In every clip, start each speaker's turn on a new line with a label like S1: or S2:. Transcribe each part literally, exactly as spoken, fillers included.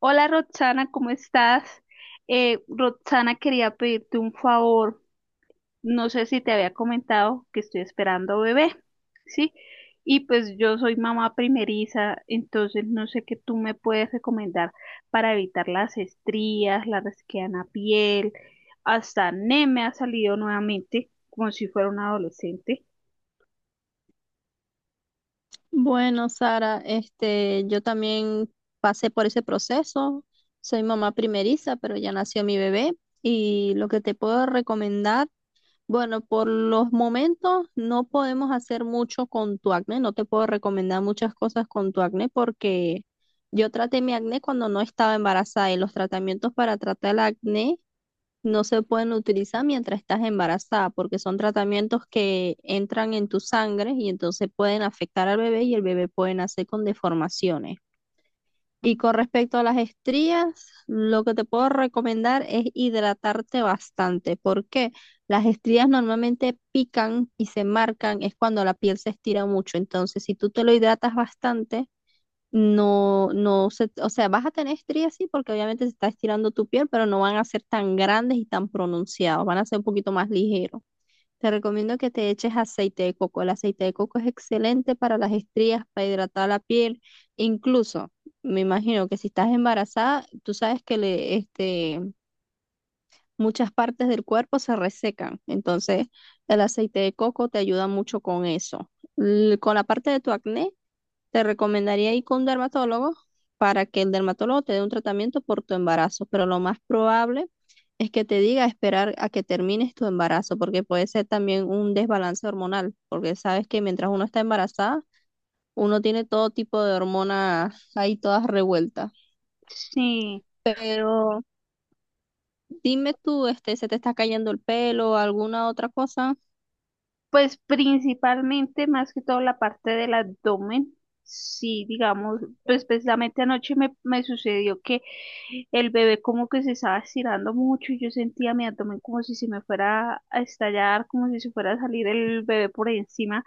S1: Hola Roxana, ¿cómo estás? Eh, Roxana, quería pedirte un favor. No sé si te había comentado que estoy esperando bebé, ¿sí? Y pues yo soy mamá primeriza, entonces no sé qué tú me puedes recomendar para evitar las estrías, la resequedad piel, hasta acné me ha salido nuevamente, como si fuera un adolescente.
S2: Bueno, Sara, este, yo también pasé por ese proceso. Soy mamá primeriza, pero ya nació mi bebé. Y lo que te puedo recomendar, bueno, por los momentos no podemos hacer mucho con tu acné. No te puedo recomendar muchas cosas con tu acné porque yo traté mi acné cuando no estaba embarazada y los tratamientos para tratar el acné no se pueden utilizar mientras estás embarazada, porque son tratamientos que entran en tu sangre y entonces pueden afectar al bebé y el bebé puede nacer con deformaciones. Y con respecto a las estrías, lo que te puedo recomendar es hidratarte bastante. ¿Por qué? Las estrías normalmente pican y se marcan, es cuando la piel se estira mucho. Entonces, si tú te lo hidratas bastante, no, no se, o sea, vas a tener estrías, sí, porque obviamente se está estirando tu piel, pero no van a ser tan grandes y tan pronunciados, van a ser un poquito más ligeros. Te recomiendo que te eches aceite de coco. El aceite de coco es excelente para las estrías, para hidratar la piel. Incluso, me imagino que si estás embarazada, tú sabes que le, este, muchas partes del cuerpo se resecan. Entonces, el aceite de coco te ayuda mucho con eso. L- con la parte de tu acné, te recomendaría ir con un dermatólogo para que el dermatólogo te dé un tratamiento por tu embarazo, pero lo más probable es que te diga esperar a que termines tu embarazo, porque puede ser también un desbalance hormonal, porque sabes que mientras uno está embarazada, uno tiene todo tipo de hormonas ahí todas revueltas.
S1: Sí.
S2: Pero dime tú, este, ¿se te está cayendo el pelo o alguna otra cosa?
S1: Pues principalmente, más que todo la parte del abdomen, sí, digamos, pues precisamente anoche me, me sucedió que el bebé como que se estaba estirando mucho y yo sentía mi abdomen como si se me fuera a estallar, como si se fuera a salir el bebé por encima,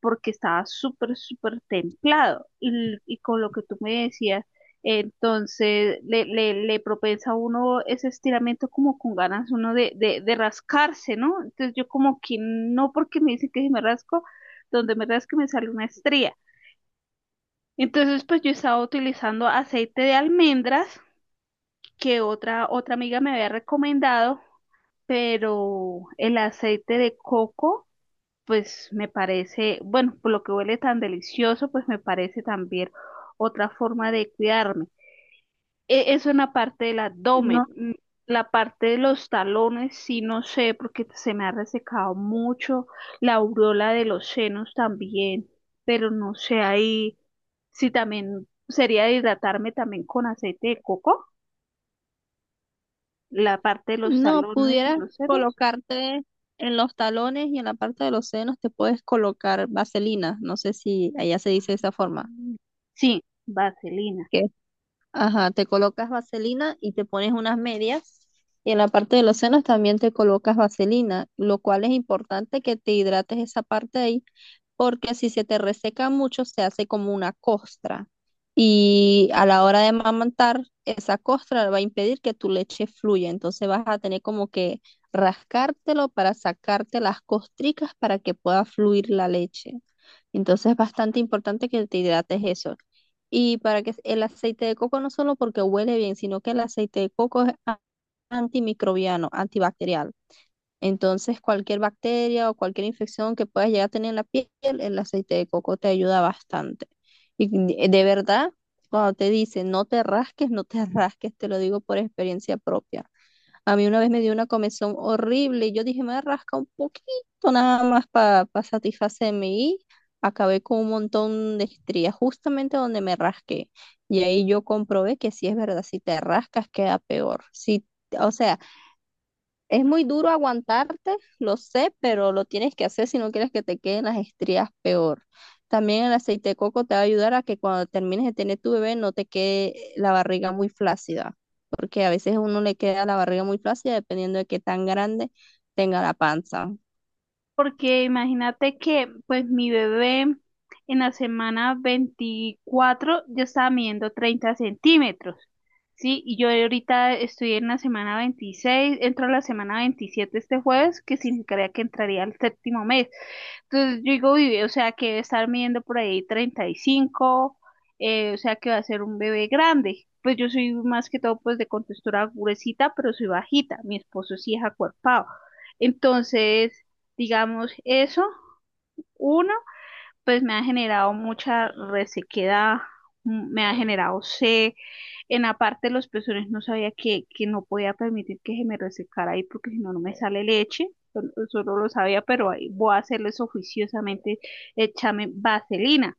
S1: porque estaba súper, súper templado. Y, y con lo que tú me decías, entonces le, le, le propensa a uno ese estiramiento como con ganas uno de, de, de rascarse, ¿no? Entonces yo como que no porque me dicen que si me rasco, donde me rasque me sale una estría. Entonces pues yo estaba utilizando aceite de almendras que otra, otra amiga me había recomendado, pero el aceite de coco pues me parece, bueno, por lo que huele tan delicioso, pues me parece también otra forma de cuidarme. e- eso en la parte del abdomen. Mm, La parte de los talones, sí, no sé, porque se me ha resecado mucho. La aureola de los senos también, pero no sé ahí si también sería hidratarme también con aceite de coco, la parte de los
S2: No,
S1: talones y
S2: pudieras
S1: los senos.
S2: colocarte en los talones y en la parte de los senos te puedes colocar vaselina. No sé si allá se dice de esa forma.
S1: Sí, vaselina.
S2: Que, ajá, te colocas vaselina y te pones unas medias. Y en la parte de los senos también te colocas vaselina, lo cual es importante que te hidrates esa parte ahí porque si se te reseca mucho se hace como una costra y a la hora de amamantar esa costra va a impedir que tu leche fluya, entonces vas a tener como que rascártelo para sacarte las costricas para que pueda fluir la leche. Entonces es bastante importante que te hidrates eso. Y para que el aceite de coco no solo porque huele bien, sino que el aceite de coco es a- antimicrobiano, antibacterial. Entonces, cualquier bacteria o cualquier infección que puedas llegar a tener en la piel, el aceite de coco te ayuda bastante. Y de de verdad, cuando te dicen no te rasques, no te rasques, te lo digo por experiencia propia. A mí una vez me dio una comezón horrible y yo dije, me voy a rascar un poquito nada más para satisfacerme y acabé con un montón de estrías justamente donde me rasqué. Y ahí yo comprobé que si es verdad, si te rascas queda peor. Si, o sea, es muy duro aguantarte, lo sé, pero lo tienes que hacer si no quieres que te queden las estrías peor. También el aceite de coco te va a ayudar a que cuando termines de tener tu bebé no te quede eh, la barriga muy flácida, porque a veces a uno le queda la barriga muy flácida dependiendo de qué tan grande tenga la panza.
S1: Porque imagínate que pues mi bebé en la semana veinticuatro ya estaba midiendo treinta centímetros, ¿sí? Y yo ahorita estoy en la semana veintiséis, entro a la semana veintisiete este jueves, que significaría que entraría al séptimo mes. Entonces yo digo, vive, o sea que debe estar midiendo por ahí treinta y cinco, eh, o sea que va a ser un bebé grande. Pues yo soy más que todo pues de contextura gruesita, pero soy bajita. Mi esposo sí es acuerpado. Entonces, digamos eso, uno pues me ha generado mucha resequedad, mm, me ha generado sed. En la parte de los pezones no sabía que, que no podía permitir que se me resecara ahí porque si no, no me sale leche. Sol- Solo lo sabía, pero ahí voy a hacerles oficiosamente, échame vaselina.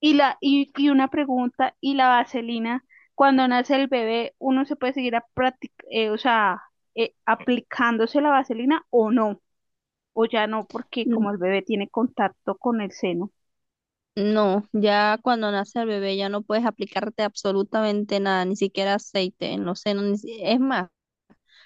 S1: Y, la, y, y una pregunta, ¿y la vaselina, cuando nace el bebé, uno se puede seguir a practic- eh, o sea, eh, aplicándose la vaselina o no? ¿O ya no, porque
S2: Mm.
S1: como el bebé tiene contacto con el seno?
S2: No, ya cuando nace el bebé ya no puedes aplicarte absolutamente nada, ni siquiera aceite en los senos. Ni si- Es más.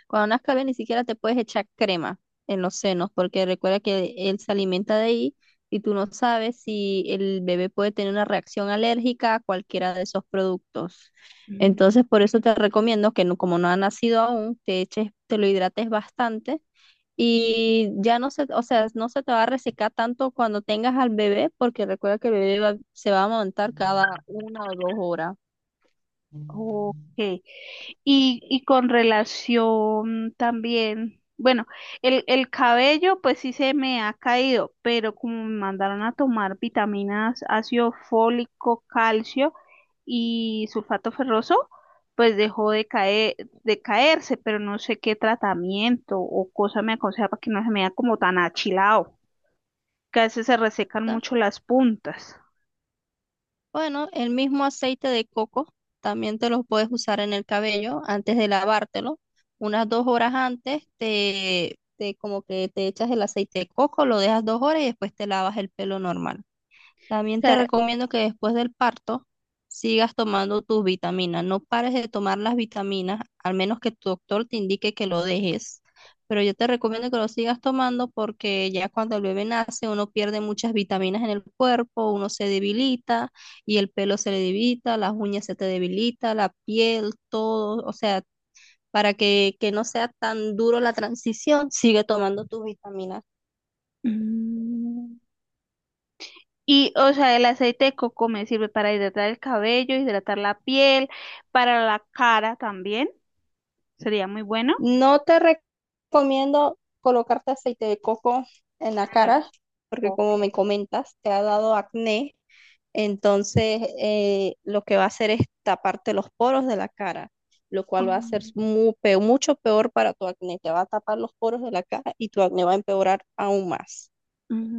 S2: Cuando nazca bien, ni siquiera te puedes echar crema en los senos, porque recuerda que él se alimenta de ahí y tú no sabes si el bebé puede tener una reacción alérgica a cualquiera de esos productos.
S1: Ujú.
S2: Entonces, por eso te recomiendo que no, como no ha nacido aún, te eches, te lo hidrates bastante y ya no se, o sea, no se te va a resecar tanto cuando tengas al bebé, porque recuerda que el bebé va- se va a montar cada una o dos horas.
S1: Ok. Y, y con relación también, bueno, el, el cabello pues sí se me ha caído, pero como me mandaron a tomar vitaminas, ácido fólico, calcio y sulfato ferroso, pues dejó de caer, de caerse, pero no sé qué tratamiento o cosa me aconseja para que no se me vea como tan achilado, que a veces se resecan mucho las puntas.
S2: Bueno, el mismo aceite de coco también te lo puedes usar en el cabello antes de lavártelo. Unas dos horas antes te, te como que te echas el aceite de coco, lo dejas dos horas y después te lavas el pelo normal. También te
S1: Ca-
S2: recomiendo que después del parto sigas tomando tus vitaminas. No pares de tomar las vitaminas, al menos que tu doctor te indique que lo dejes. Pero yo te recomiendo que lo sigas tomando porque ya cuando el bebé nace uno pierde muchas vitaminas en el cuerpo, uno se debilita y el pelo se le debilita, las uñas se te debilita, la piel, todo. O sea, para que, que no sea tan duro la transición, sigue tomando tus vitaminas.
S1: Mm. Y, o sea, el aceite de coco me sirve para hidratar el cabello, hidratar la piel, para la cara también. Sería muy bueno.
S2: No te recomiendo colocarte aceite de coco en la
S1: Mm,
S2: cara, porque
S1: ok.
S2: como me comentas, te ha dado acné. Entonces, eh, lo que va a hacer es taparte los poros de la cara, lo cual va a ser
S1: Mm,
S2: mu- pe- mucho peor para tu acné. Te va a tapar los poros de la cara y tu acné va a empeorar aún más.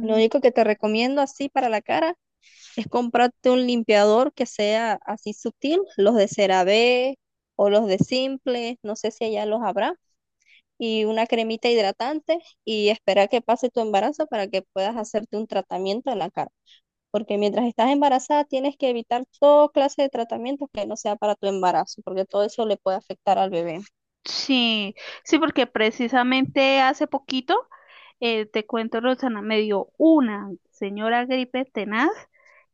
S2: Lo único que te recomiendo así para la cara es comprarte un limpiador que sea así sutil, los de CeraVe o los de Simple, no sé si allá los habrá, y una cremita hidratante y esperar que pase tu embarazo para que puedas hacerte un tratamiento en la cara. Porque mientras estás embarazada tienes que evitar toda clase de tratamientos que no sea para tu embarazo, porque todo eso le puede afectar al bebé.
S1: Sí, sí, porque precisamente hace poquito, eh, te cuento, Rosana, me dio una señora gripe tenaz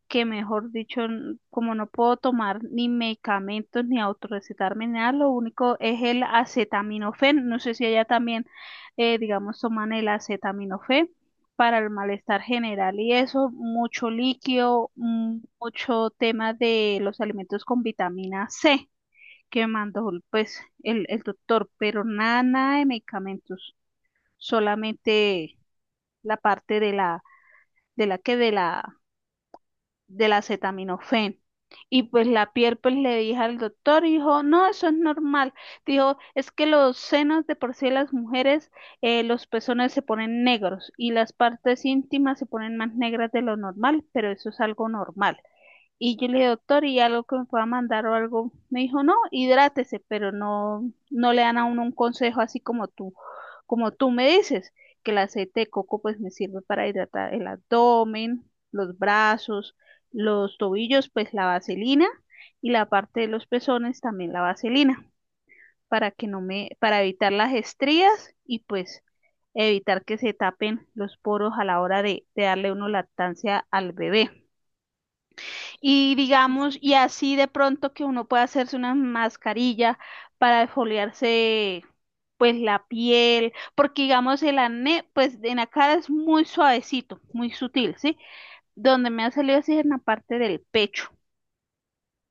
S1: que mejor dicho, n- como no puedo tomar ni medicamentos ni autorrecetarme ni nada, lo único es el acetaminofén. No sé si allá también, eh, digamos, toman el acetaminofén para el malestar general y eso, mucho líquido, mm, mucho tema de los alimentos con vitamina C que mandó pues el, el doctor, pero nada, nada de medicamentos, solamente la parte de la, de la que de la del acetaminofén. Y pues la piel pues le dije al doctor y dijo, no, eso es normal. Dijo, es que los senos de por sí de las mujeres, eh, los pezones se ponen negros y las partes íntimas se ponen más negras de lo normal, pero eso es algo normal. Y yo le dije, doctor, ¿y algo que me pueda mandar o algo? Me dijo, no, hidrátese, pero no, no le dan a uno un consejo así como tú, como tú me dices, que el aceite de coco pues me sirve para hidratar el abdomen, los brazos, los tobillos, pues la vaselina, y la parte de los pezones también la vaselina, para que no me, para evitar las estrías y pues evitar que se tapen los poros a la hora de, de darle uno lactancia al bebé. Y digamos, y así de pronto que uno puede hacerse una mascarilla para exfoliarse pues la piel, porque digamos el acné pues en la cara es muy suavecito, muy sutil, ¿sí? Donde me ha salido así es en la parte del pecho,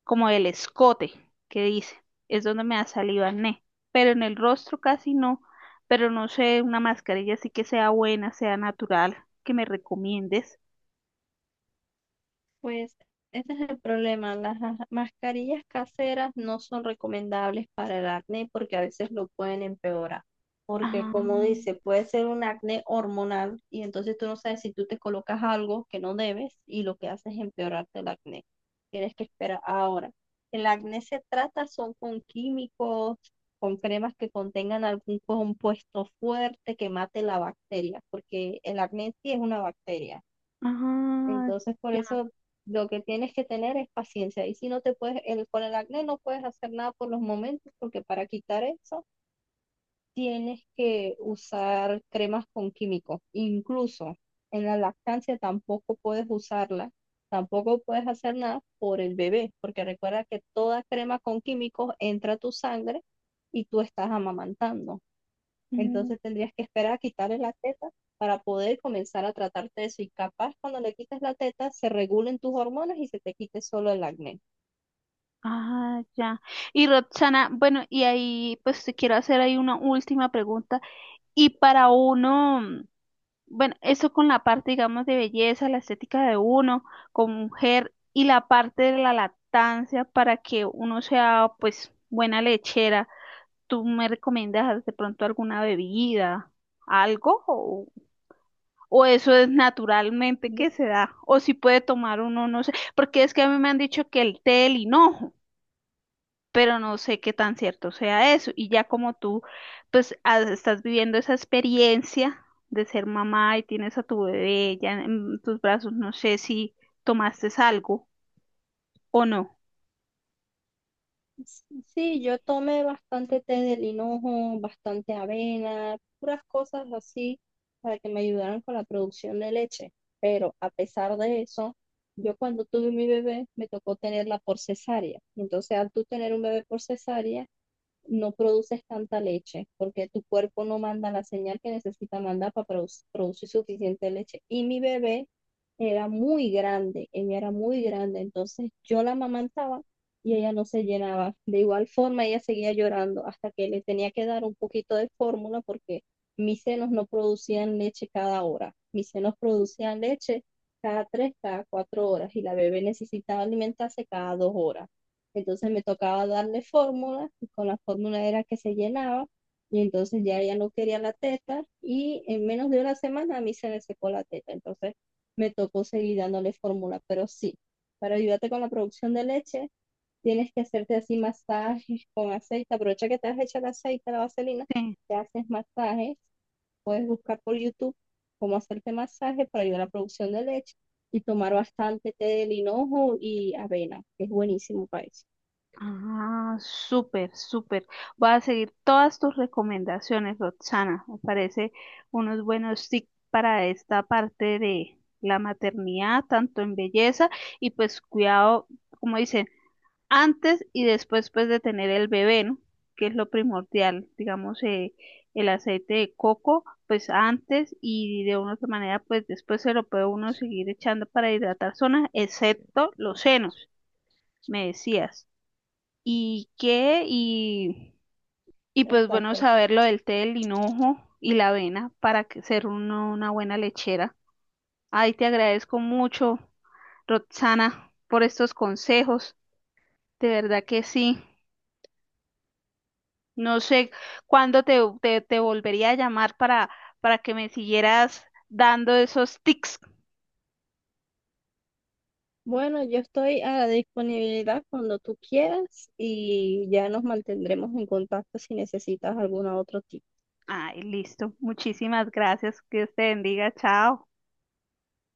S1: como el escote que dice, es donde me ha salido acné, pero en el rostro casi no, pero no sé, una mascarilla así que sea buena, sea natural, que me recomiendes.
S2: Pues ese es el problema. Las ja- mascarillas caseras no son recomendables para el acné porque a veces lo pueden empeorar. Porque
S1: Ah,
S2: como dice, puede ser un acné hormonal y entonces tú no sabes si tú te colocas algo que no debes y lo que haces es empeorarte el acné. Tienes que esperar. Ahora, el acné se trata son con químicos, con cremas que contengan algún compuesto fuerte que mate la bacteria, porque el acné en sí es una bacteria.
S1: ah,
S2: Entonces, por eso lo que tienes que tener es paciencia. Y si no te puedes, el, con el acné no puedes hacer nada por los momentos, porque para quitar eso tienes que usar cremas con químicos. Incluso en la lactancia tampoco puedes usarla, tampoco puedes hacer nada por el bebé, porque recuerda que toda crema con químicos entra a tu sangre y tú estás amamantando.
S1: ya.
S2: Entonces tendrías que esperar a quitarle la teta para poder comenzar a tratarte de eso. Y capaz cuando le quites la teta se regulen tus hormonas y se te quite solo el acné.
S1: Ah, ya. Y Roxana, bueno, y ahí pues te quiero hacer ahí una última pregunta. Y para uno, mm, bueno, eso con la parte, digamos, de belleza, la estética de uno como mujer y la parte de la lactancia para que uno sea pues buena lechera, ¿tú me recomiendas de pronto alguna bebida, algo? O, o eso es naturalmente
S2: Yo-
S1: que se da? O si puede tomar uno, no sé, porque es que a mí me han dicho que el té el hinojo, pero no sé qué tan cierto sea eso. Y ya como tú, pues ah, estás viviendo esa experiencia de ser mamá y tienes a tu bebé ya en tus brazos, no sé si tomaste algo o no.
S2: Sí, sí, yo tomé bastante té del hinojo, bastante avena, puras cosas así para que me ayudaran con la producción de leche. Pero a pesar de eso, yo cuando tuve mi bebé me tocó tenerla por cesárea. Entonces al tú tener un bebé por cesárea, no produces tanta leche porque tu cuerpo no manda la señal que necesita mandar para produ- producir suficiente leche. Y mi bebé era muy grande, ella era muy grande, entonces yo la amamantaba y ella no se llenaba. De igual forma, ella seguía llorando hasta que le tenía que dar un poquito de fórmula porque mis senos no producían leche cada hora, mis senos producían leche cada tres, cada cuatro horas y la bebé necesitaba alimentarse cada dos horas. Entonces me tocaba darle fórmulas y con la fórmula era que se llenaba y entonces ya ella no quería la teta y en menos de una semana a mí se me secó la teta. Entonces me tocó seguir dándole fórmula, pero sí, para ayudarte con la producción de leche tienes que hacerte así masajes con aceite. Aprovecha que te has hecho el aceite, la vaselina,
S1: Sí.
S2: te haces masajes, puedes buscar por YouTube cómo hacerte masaje para ayudar a la producción de leche y tomar bastante té de linojo y avena, que es buenísimo para eso.
S1: Ah, súper, súper. Voy a seguir todas tus recomendaciones, Roxana. Me parece unos buenos tips para esta parte de la maternidad, tanto en belleza y pues cuidado, como dicen, antes y después pues de tener el bebé, ¿no? Que es lo primordial, digamos, eh, el aceite de coco, pues antes y de una u otra manera, pues después se lo puede uno seguir echando para hidratar zonas, excepto los senos, me decías. ¿Y qué? Y, y pues bueno,
S2: Exacto.
S1: saber lo del té, el hinojo y la avena para que- ser uno una buena lechera. Ay, te agradezco mucho, Roxana, por estos consejos. De verdad que sí. No sé cuándo te, te, te volvería a llamar para, para que me siguieras dando esos tics.
S2: Bueno, yo estoy a la disponibilidad cuando tú quieras y ya nos mantendremos en contacto si necesitas algún otro tipo.
S1: Ay, listo. Muchísimas gracias. Dios te bendiga. Chao.